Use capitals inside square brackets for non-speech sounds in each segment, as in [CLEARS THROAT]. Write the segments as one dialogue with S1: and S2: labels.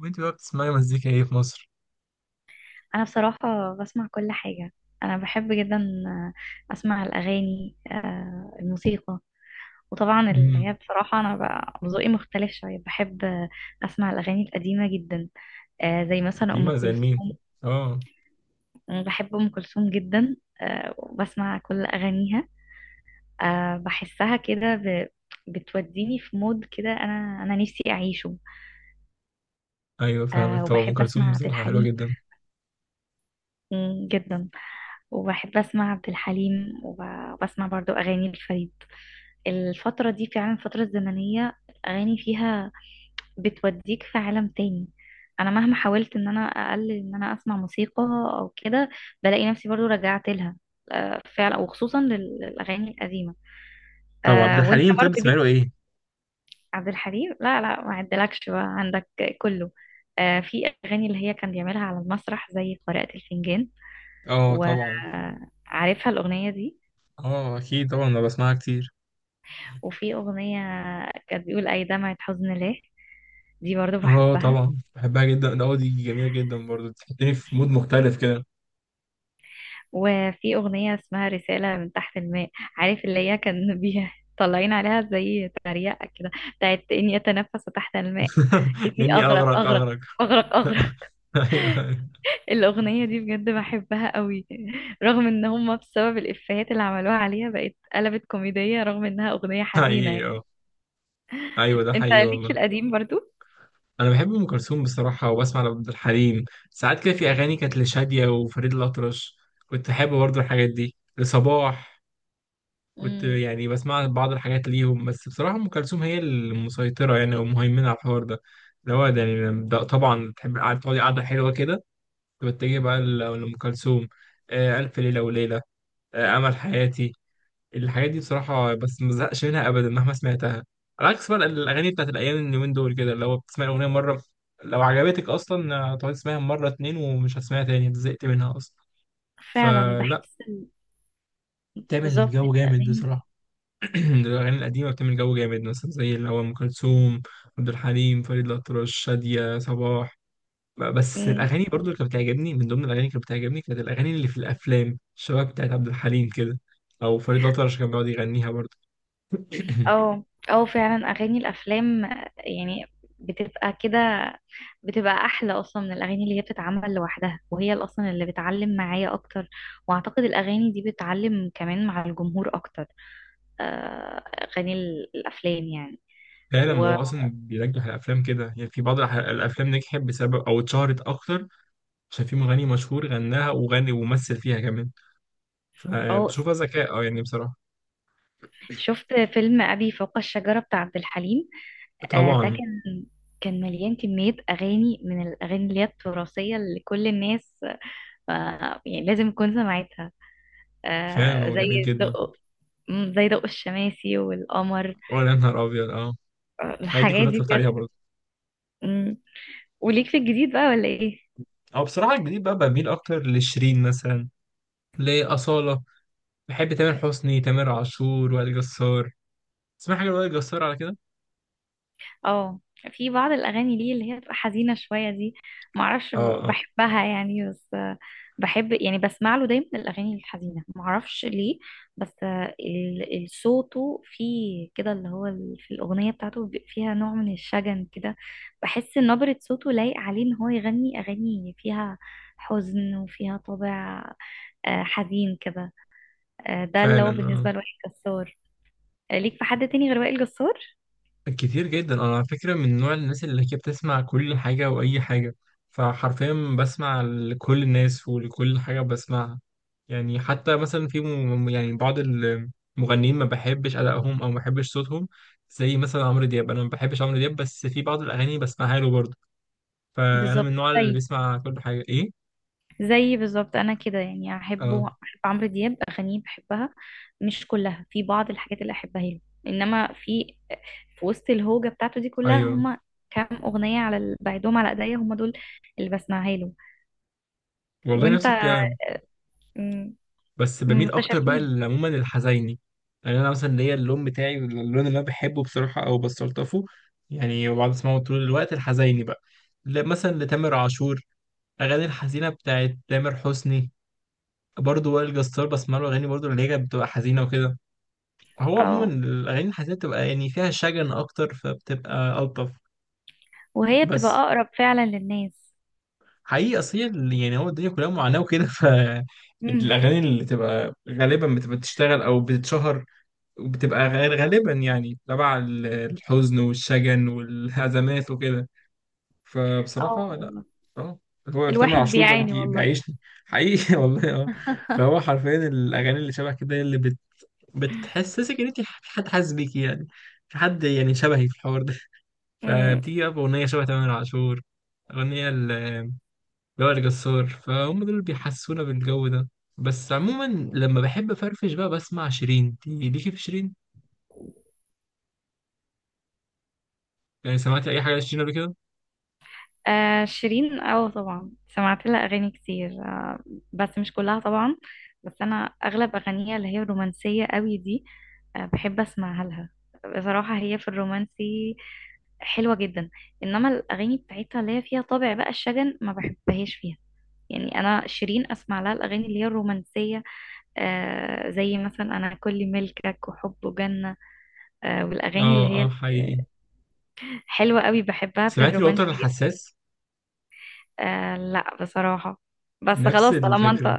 S1: وانت بقى بتسمعي مزيكا ايه في مصر؟
S2: انا بصراحة بسمع كل حاجة. انا بحب جدا اسمع الاغاني، الموسيقى. وطبعا اللي هي
S1: امم.
S2: بصراحة انا بقى ذوقي مختلف شوية، بحب اسمع الاغاني القديمة جدا، زي مثلا ام
S1: ديما زي مين؟
S2: كلثوم.
S1: اه.
S2: أنا بحب ام كلثوم جدا، وبسمع كل اغانيها. بحسها كده بتوديني في مود كده انا نفسي اعيشه.
S1: ايوه، فاهمك. طبعا ام
S2: وبحب
S1: كلثوم
S2: اسمع عبد
S1: بصراحه حلوه
S2: الحليم
S1: جدا.
S2: جدا. وبحب اسمع عبد الحليم وبسمع برضو اغاني الفريد. الفترة دي فعلا، الفترة الزمنية الأغاني فيها بتوديك في عالم تاني. أنا مهما حاولت إن أنا أقلل إن أنا أسمع موسيقى أو كده، بلاقي نفسي برضو رجعت لها، فعلا، وخصوصا للأغاني القديمة.
S1: طب عبد
S2: وأنت
S1: الحليم، طيب
S2: برضو
S1: بتسمع له
S2: ليك.
S1: ايه؟
S2: عبد الحليم لا لا، ما عدلكش بقى عندك كله. في أغاني اللي هي كان بيعملها على المسرح زي قارئة الفنجان،
S1: اه، طبعا.
S2: وعارفها الأغنية دي.
S1: اه، اكيد طبعا انا بسمعها كتير.
S2: وفي أغنية كانت بيقول أي دمعة حزن ليه، دي برضو
S1: اه
S2: بحبها.
S1: طبعا بحبها جدا ده، دي جميله جدا برضو تحطني في مود مختلف كده.
S2: وفي أغنية اسمها رسالة من تحت الماء، عارف اللي هي كان [LAUGHS] بيها طالعين عليها زي تريقة كده، بتاعت إني أتنفس تحت الماء، إني
S1: [LAUGHS] اني
S2: أغرق
S1: اغرق
S2: أغرق
S1: اغرق.
S2: أغرق أغرق [LAUGHS]
S1: [LAUGHS] ايوه.
S2: الأغنية دي بجد بحبها قوي، رغم إن هما بسبب الإفيهات اللي عملوها عليها بقت قلبت كوميدية رغم إنها أغنية حزينة
S1: حقيقي اه.
S2: يعني.
S1: ايوه ده
S2: أنت
S1: حقيقي
S2: ليك في
S1: والله.
S2: القديم برضو؟
S1: انا بحب ام كلثوم بصراحه وبسمع لعبد الحليم ساعات كده. في اغاني كانت لشاديه وفريد الاطرش كنت احب برضو الحاجات دي، لصباح كنت
S2: مم.
S1: يعني بسمع بعض الحاجات ليهم، بس بصراحة أم كلثوم هي المسيطرة يعني أو مهيمنة على الحوار ده. اللي هو ده يعني ده طبعا تحب تقعدي قعدة حلوة كده، تتجه بقى لأم كلثوم. ألف ليلة وليلة، أمل حياتي، الحاجات دي بصراحة. بس ما بزهقش منها أبدا مهما سمعتها، على عكس بقى الأغاني بتاعت الأيام اليومين دول كده، اللي هو بتسمعي الأغنية مرة، لو عجبتك أصلا هتقعدي تسمعيها مرة اتنين ومش هتسمعيها تاني، زهقت منها أصلا
S2: فعلا
S1: فلا.
S2: بحس
S1: بتعمل
S2: بالظبط
S1: جو جامد
S2: الأغاني.
S1: بصراحة. [CLEARS THROAT] الأغاني القديمة بتعمل جو جامد، مثلا زي اللي هو أم كلثوم، عبد الحليم، فريد الأطرش، شادية، صباح. بس
S2: مم.
S1: الأغاني برضو اللي كانت بتعجبني، من ضمن الأغاني اللي كانت بتعجبني كانت الأغاني اللي في الأفلام، شباب بتاعت عبد الحليم كده، أو فريد الأطرش كان بيقعد يغنيها برضو. [CLEARS THROAT]
S2: اه اه، فعلا اغاني الافلام يعني، بتبقى كده، بتبقى احلى اصلا من الاغاني اللي هي بتتعمل لوحدها، وهي اللي اصلا اللي بتعلم معايا اكتر. واعتقد الاغاني دي بتعلم كمان مع الجمهور اكتر، اغاني الافلام يعني.
S1: فعلا، ما
S2: و
S1: هو أصلا بينجح الأفلام كده يعني، في بعض الأفلام نجحت بسبب أو اتشهرت أكتر عشان في مغني مشهور غناها وغني ومثل فيها كمان،
S2: اه
S1: فبشوفها ذكاء يعني بصراحة.
S2: شفت فيلم ابي فوق الشجرة بتاع عبد الحليم؟ ده
S1: طبعا.
S2: كان مليان كمية أغاني من الأغاني اللي هي التراثية، اللي كل الناس يعني لازم تكون سمعتها،
S1: فعلا هو جميل
S2: زي
S1: جدا.
S2: دق، زي دق الشماسي والقمر.
S1: ولا نهار أبيض، آه. الحاجات دي
S2: الحاجات
S1: كلها
S2: دي
S1: اتفرجت
S2: بجد.
S1: عليها برضه.
S2: مم. وليك في الجديد بقى ولا ايه؟
S1: او بصراحه الجديد بقى بميل اكتر لشيرين مثلا، لاصاله، بحب تامر حسني، تامر عاشور، وائل جسار. تسمع حاجه لوائل جسار على كده؟
S2: اه، في بعض الاغاني ليه اللي هي بتبقى حزينه شويه دي، معرفش،
S1: اه اه،
S2: بحبها يعني بس، بحب يعني بسمع له دايما الاغاني الحزينه، معرفش ليه. بس صوته فيه كده، اللي هو في الاغنيه بتاعته بيبقى فيها نوع من الشجن كده. بحس إن نبره صوته لايق عليه ان هو يغني اغاني فيها حزن وفيها طابع، حزين كده. ده اللي
S1: فعلا.
S2: هو
S1: اه،
S2: بالنسبه لوائل جسار. ليك في حد تاني غير وائل جسار؟
S1: كتير جدا. انا على فكره من نوع الناس اللي هي بتسمع كل حاجه واي حاجه، فحرفيا بسمع لكل الناس ولكل حاجه بسمعها. يعني حتى مثلا في يعني بعض المغنيين ما بحبش أدائهم أو ما بحبش صوتهم، زي مثلا عمرو دياب، أنا ما بحبش عمرو دياب، بس في بعض الأغاني بسمعها له برضه. فانا من
S2: بالظبط.
S1: النوع اللي
S2: طيب،
S1: بيسمع كل حاجه ايه.
S2: زي بالظبط انا كده يعني،
S1: اه.
S2: احبه، احب عمرو دياب، اغانيه بحبها مش كلها، في بعض الحاجات اللي احبها له، انما في في وسط الهوجه بتاعته دي كلها،
S1: ايوه
S2: هما كام اغنيه على بعدهم على ايديا، هما دول اللي بسمعها له.
S1: والله،
S2: وانت؟
S1: نفس الكلام.
S2: مم.
S1: بس بميل اكتر بقى
S2: متشابهين.
S1: عموما للحزيني. يعني انا مثلا ليا اللون بتاعي، اللون اللي انا بحبه بصراحه او بستلطفه يعني، وبقعد اسمعه طول الوقت، الحزيني بقى، مثلا لتامر عاشور، اغاني الحزينه بتاعت تامر حسني، برضه وائل جسار بسمع له اغاني برضه اللي هي كانت بتبقى حزينه وكده. هو عموما
S2: اه،
S1: الاغاني الحزينه بتبقى يعني فيها شجن اكتر فبتبقى الطف.
S2: وهي بتبقى
S1: بس
S2: اقرب فعلا للناس.
S1: حقيقي، اصل هي يعني هو الدنيا كلها معاناة وكده [LAUGHS] ف
S2: مم.
S1: الاغاني اللي تبقى غالبا بتبقى بتشتغل او بتتشهر، وبتبقى غير غالبا يعني تبع الحزن والشجن والهزمات وكده.
S2: اه
S1: فبصراحة لا.
S2: والله.
S1: اه. هو تامر
S2: الواحد
S1: عاشور بقى
S2: بيعاني
S1: بدي
S2: والله
S1: بيعيشني. حقيقي [LAUGHS] والله، اه. فهو
S2: [LAUGHS]
S1: حرفيا الاغاني اللي شبه كده هي اللي بتحسسك ان انت في حد حاسس بيكي يعني، في حد يعني شبهي في الحوار ده.
S2: مم.
S1: فبتيجي بقى باغنية شبه تامر عاشور، اغنية جوهر، جسار، فهم دول اللي بيحسونا بالجو ده. بس عموما لما بحب افرفش بقى بسمع شيرين. دي ليكي في شيرين؟ يعني سمعتي اي حاجه لشيرين قبل كده؟
S2: شيرين، اه طبعا سمعت لها اغاني كتير، بس مش كلها طبعا. بس انا اغلب اغانيها اللي هي الرومانسيه قوي دي، بحب اسمعها لها. بصراحه هي في الرومانسي حلوه جدا. انما الاغاني بتاعتها اللي هي فيها طابع بقى الشجن، ما بحبهاش فيها. يعني انا شيرين اسمع لها الاغاني اللي هي الرومانسيه، زي مثلا انا كل ملكك وحب وجنه، والاغاني
S1: اه
S2: اللي
S1: اه،
S2: هي
S1: حقيقي.
S2: آه، حلوه قوي بحبها في
S1: سمعتي الوتر
S2: الرومانسي.
S1: الحساس؟
S2: آه لا بصراحة، بس
S1: نفس
S2: خلاص طالما
S1: الفكره.
S2: انت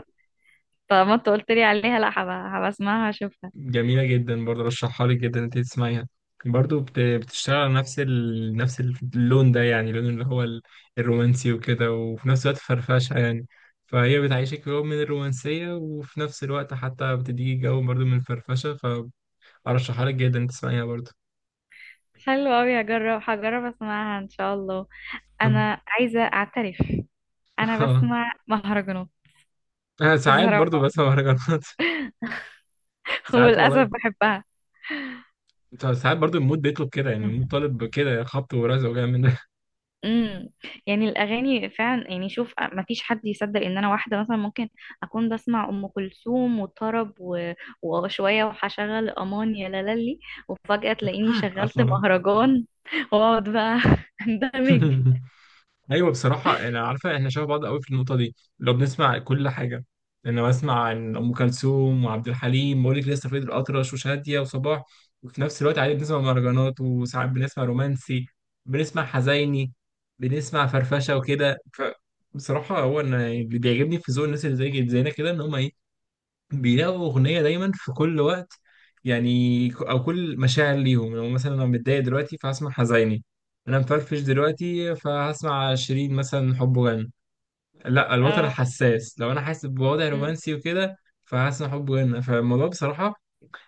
S2: طالما انت قلت لي عليها، لا، هبقى اسمعها، هشوفها.
S1: جميله جدا برضه، رشحها لك جدا انت تسمعيها. برضه بتشتغل على نفس نفس اللون ده يعني، اللون اللي هو الرومانسي وكده، وفي نفس الوقت فرفشه يعني. فهي بتعيشك جو من الرومانسية، وفي نفس الوقت حتى بتديكي جو برضه من الفرفشة. ارشحها لك جدا تسمعيها برضه.
S2: حلو قوي، هجرب اسمعها ان شاء الله.
S1: طب.
S2: انا عايزة اعترف، انا
S1: [LAUGHS] اه،
S2: بسمع مهرجانات
S1: انا ساعات برضه
S2: بصراحة
S1: بسمع مهرجانات. [LAUGHS]
S2: [LAUGHS]
S1: ساعات
S2: وللاسف
S1: والله.
S2: بحبها.
S1: ساعات برضه المود بيطلب كده، يعني المود طالب كده، خبط ورزع وجاي من
S2: امم. يعني الاغاني فعلا، يعني شوف، ما فيش حد يصدق ان انا واحده مثلا ممكن اكون بسمع ام كلثوم وطرب و، وشويه وهشغل امان يا لالي، وفجاه تلاقيني
S1: [LAUGHS]
S2: شغلت
S1: اه
S2: مهرجان [LAUGHS] واقعد بقى [LAUGHS] اندمج.
S1: [LAUGHS] ايوه بصراحه، انا عارفه احنا شبه بعض قوي في النقطه دي، لو بنسمع كل حاجه. انا بسمع عن ام كلثوم وعبد الحليم واقول لك لسه فريد الاطرش وشاديه وصباح، وفي نفس الوقت عادي بنسمع مهرجانات، وساعات بنسمع رومانسي، بنسمع حزيني، بنسمع فرفشه وكده. ف بصراحه هو انا اللي بيعجبني في ذوق الناس اللي زي زينا كده، ان هم ايه، بيلاقوا أغنية دايما في كل وقت، يعني أو كل مشاعر ليهم. لو مثلا أنا متضايق دلوقتي فهسمع حزيني، أنا مفرفش دلوقتي فهسمع شيرين مثلا، حب غنى، لا الوتر
S2: اه.
S1: حساس، لو أنا حاسس بوضع
S2: أمم.
S1: رومانسي وكده فهسمع حب غنى. فالموضوع بصراحة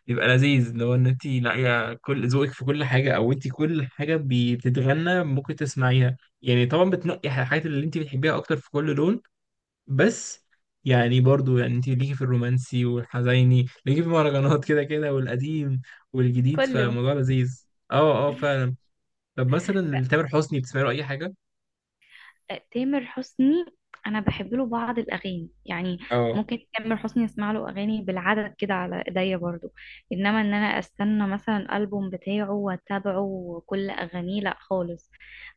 S1: بيبقى لذيذ، لو إن أنت لاقية كل ذوقك في كل حاجة، أو أنت كل حاجة بتتغنى ممكن تسمعيها، يعني طبعا بتنقي الحاجات اللي أنت بتحبيها أكتر في كل لون. بس يعني برضو يعني انت ليكي في الرومانسي والحزيني، ليكي في المهرجانات كده كده، والقديم والجديد،
S2: كله.
S1: فموضوع لذيذ. اه اه، فعلا. طب مثلا لتامر حسني بتسمعي له اي حاجه؟
S2: تامر حسني، انا بحب له بعض الاغاني يعني.
S1: اه.
S2: ممكن تامر حسني اسمع له اغاني بالعدد كده على ايديا برضو، انما ان انا استنى مثلا الالبوم بتاعه واتابعه كل اغانيه، لا خالص.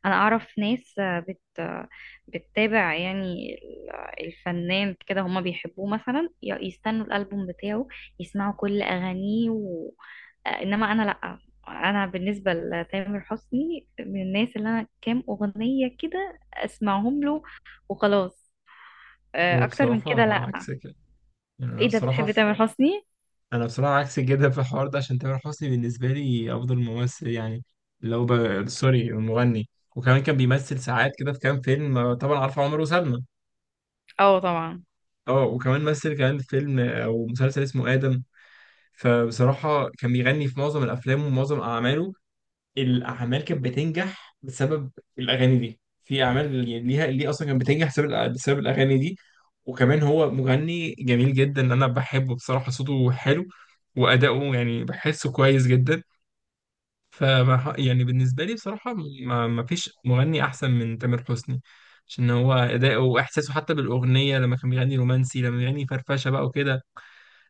S2: انا اعرف ناس، آه، بت آه، بتتابع يعني الفنان كده، هما بيحبوه مثلا، يستنوا الالبوم بتاعه يسمعوا كل اغانيه و، انما انا لا. انا بالنسبه لتامر حسني من الناس اللي انا كام اغنيه كده اسمعهم له وخلاص، اكتر من كده
S1: وبصراحه
S2: لا.
S1: عكسك يعني، يعني انا
S2: ايه ده،
S1: بصراحه
S2: بتحب تامر حسني؟
S1: انا بصراحه عكسك جدا في الحوار ده، عشان تامر حسني بالنسبه لي افضل ممثل يعني، لو سوري مغني. وكمان كان بيمثل ساعات كده في كام فيلم، طبعا عارفه عمر وسلمى.
S2: اه طبعا.
S1: اه، وكمان مثل كمان في فيلم او مسلسل اسمه ادم. فبصراحة كان بيغني في معظم الأفلام، ومعظم أعماله الأعمال كانت بتنجح بسبب الأغاني دي، في أعمال يعني ليها اللي أصلا كانت بتنجح بسبب بسبب الأغاني دي. وكمان هو مغني جميل جدا، أنا بحبه بصراحة، صوته حلو وأداؤه يعني بحسه كويس جدا. فما يعني بالنسبة لي بصراحة ما فيش مغني أحسن من تامر حسني، عشان هو أداؤه وإحساسه حتى بالأغنية، لما كان بيغني رومانسي، لما بيغني فرفشة بقى وكده.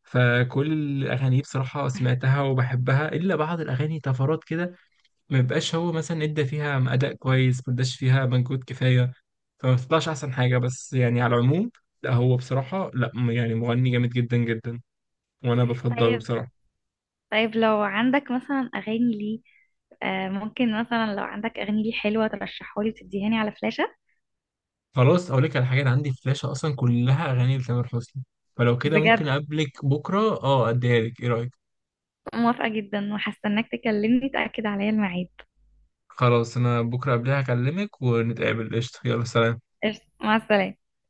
S1: فكل الاغاني بصراحه سمعتها وبحبها، الا بعض الاغاني طفرات كده، ما بيبقاش هو مثلا ادى فيها اداء كويس، ما اداش فيها مجهود كفايه فما بتطلعش احسن حاجه. بس يعني على العموم لا، هو بصراحه لا، يعني مغني جامد جدا جدا، وانا بفضله
S2: طيب
S1: بصراحه.
S2: طيب، لو عندك مثلا اغاني ليه، ممكن مثلا لو عندك اغاني ليه حلوه، ترشحها لي وتديها لي على فلاشه.
S1: خلاص، اقول لك على حاجه، انا عندي فلاشه اصلا كلها اغاني لتامر حسني، فلو كده ممكن
S2: بجد؟
S1: اقابلك بكره اديها لك. ايه رايك؟
S2: موافقه جدا، وهستناك تكلمني تاكد عليا الميعاد.
S1: خلاص، انا بكره قبلها هكلمك ونتقابل، قشطه، يلا سلام.
S2: قشطة، مع السلامه.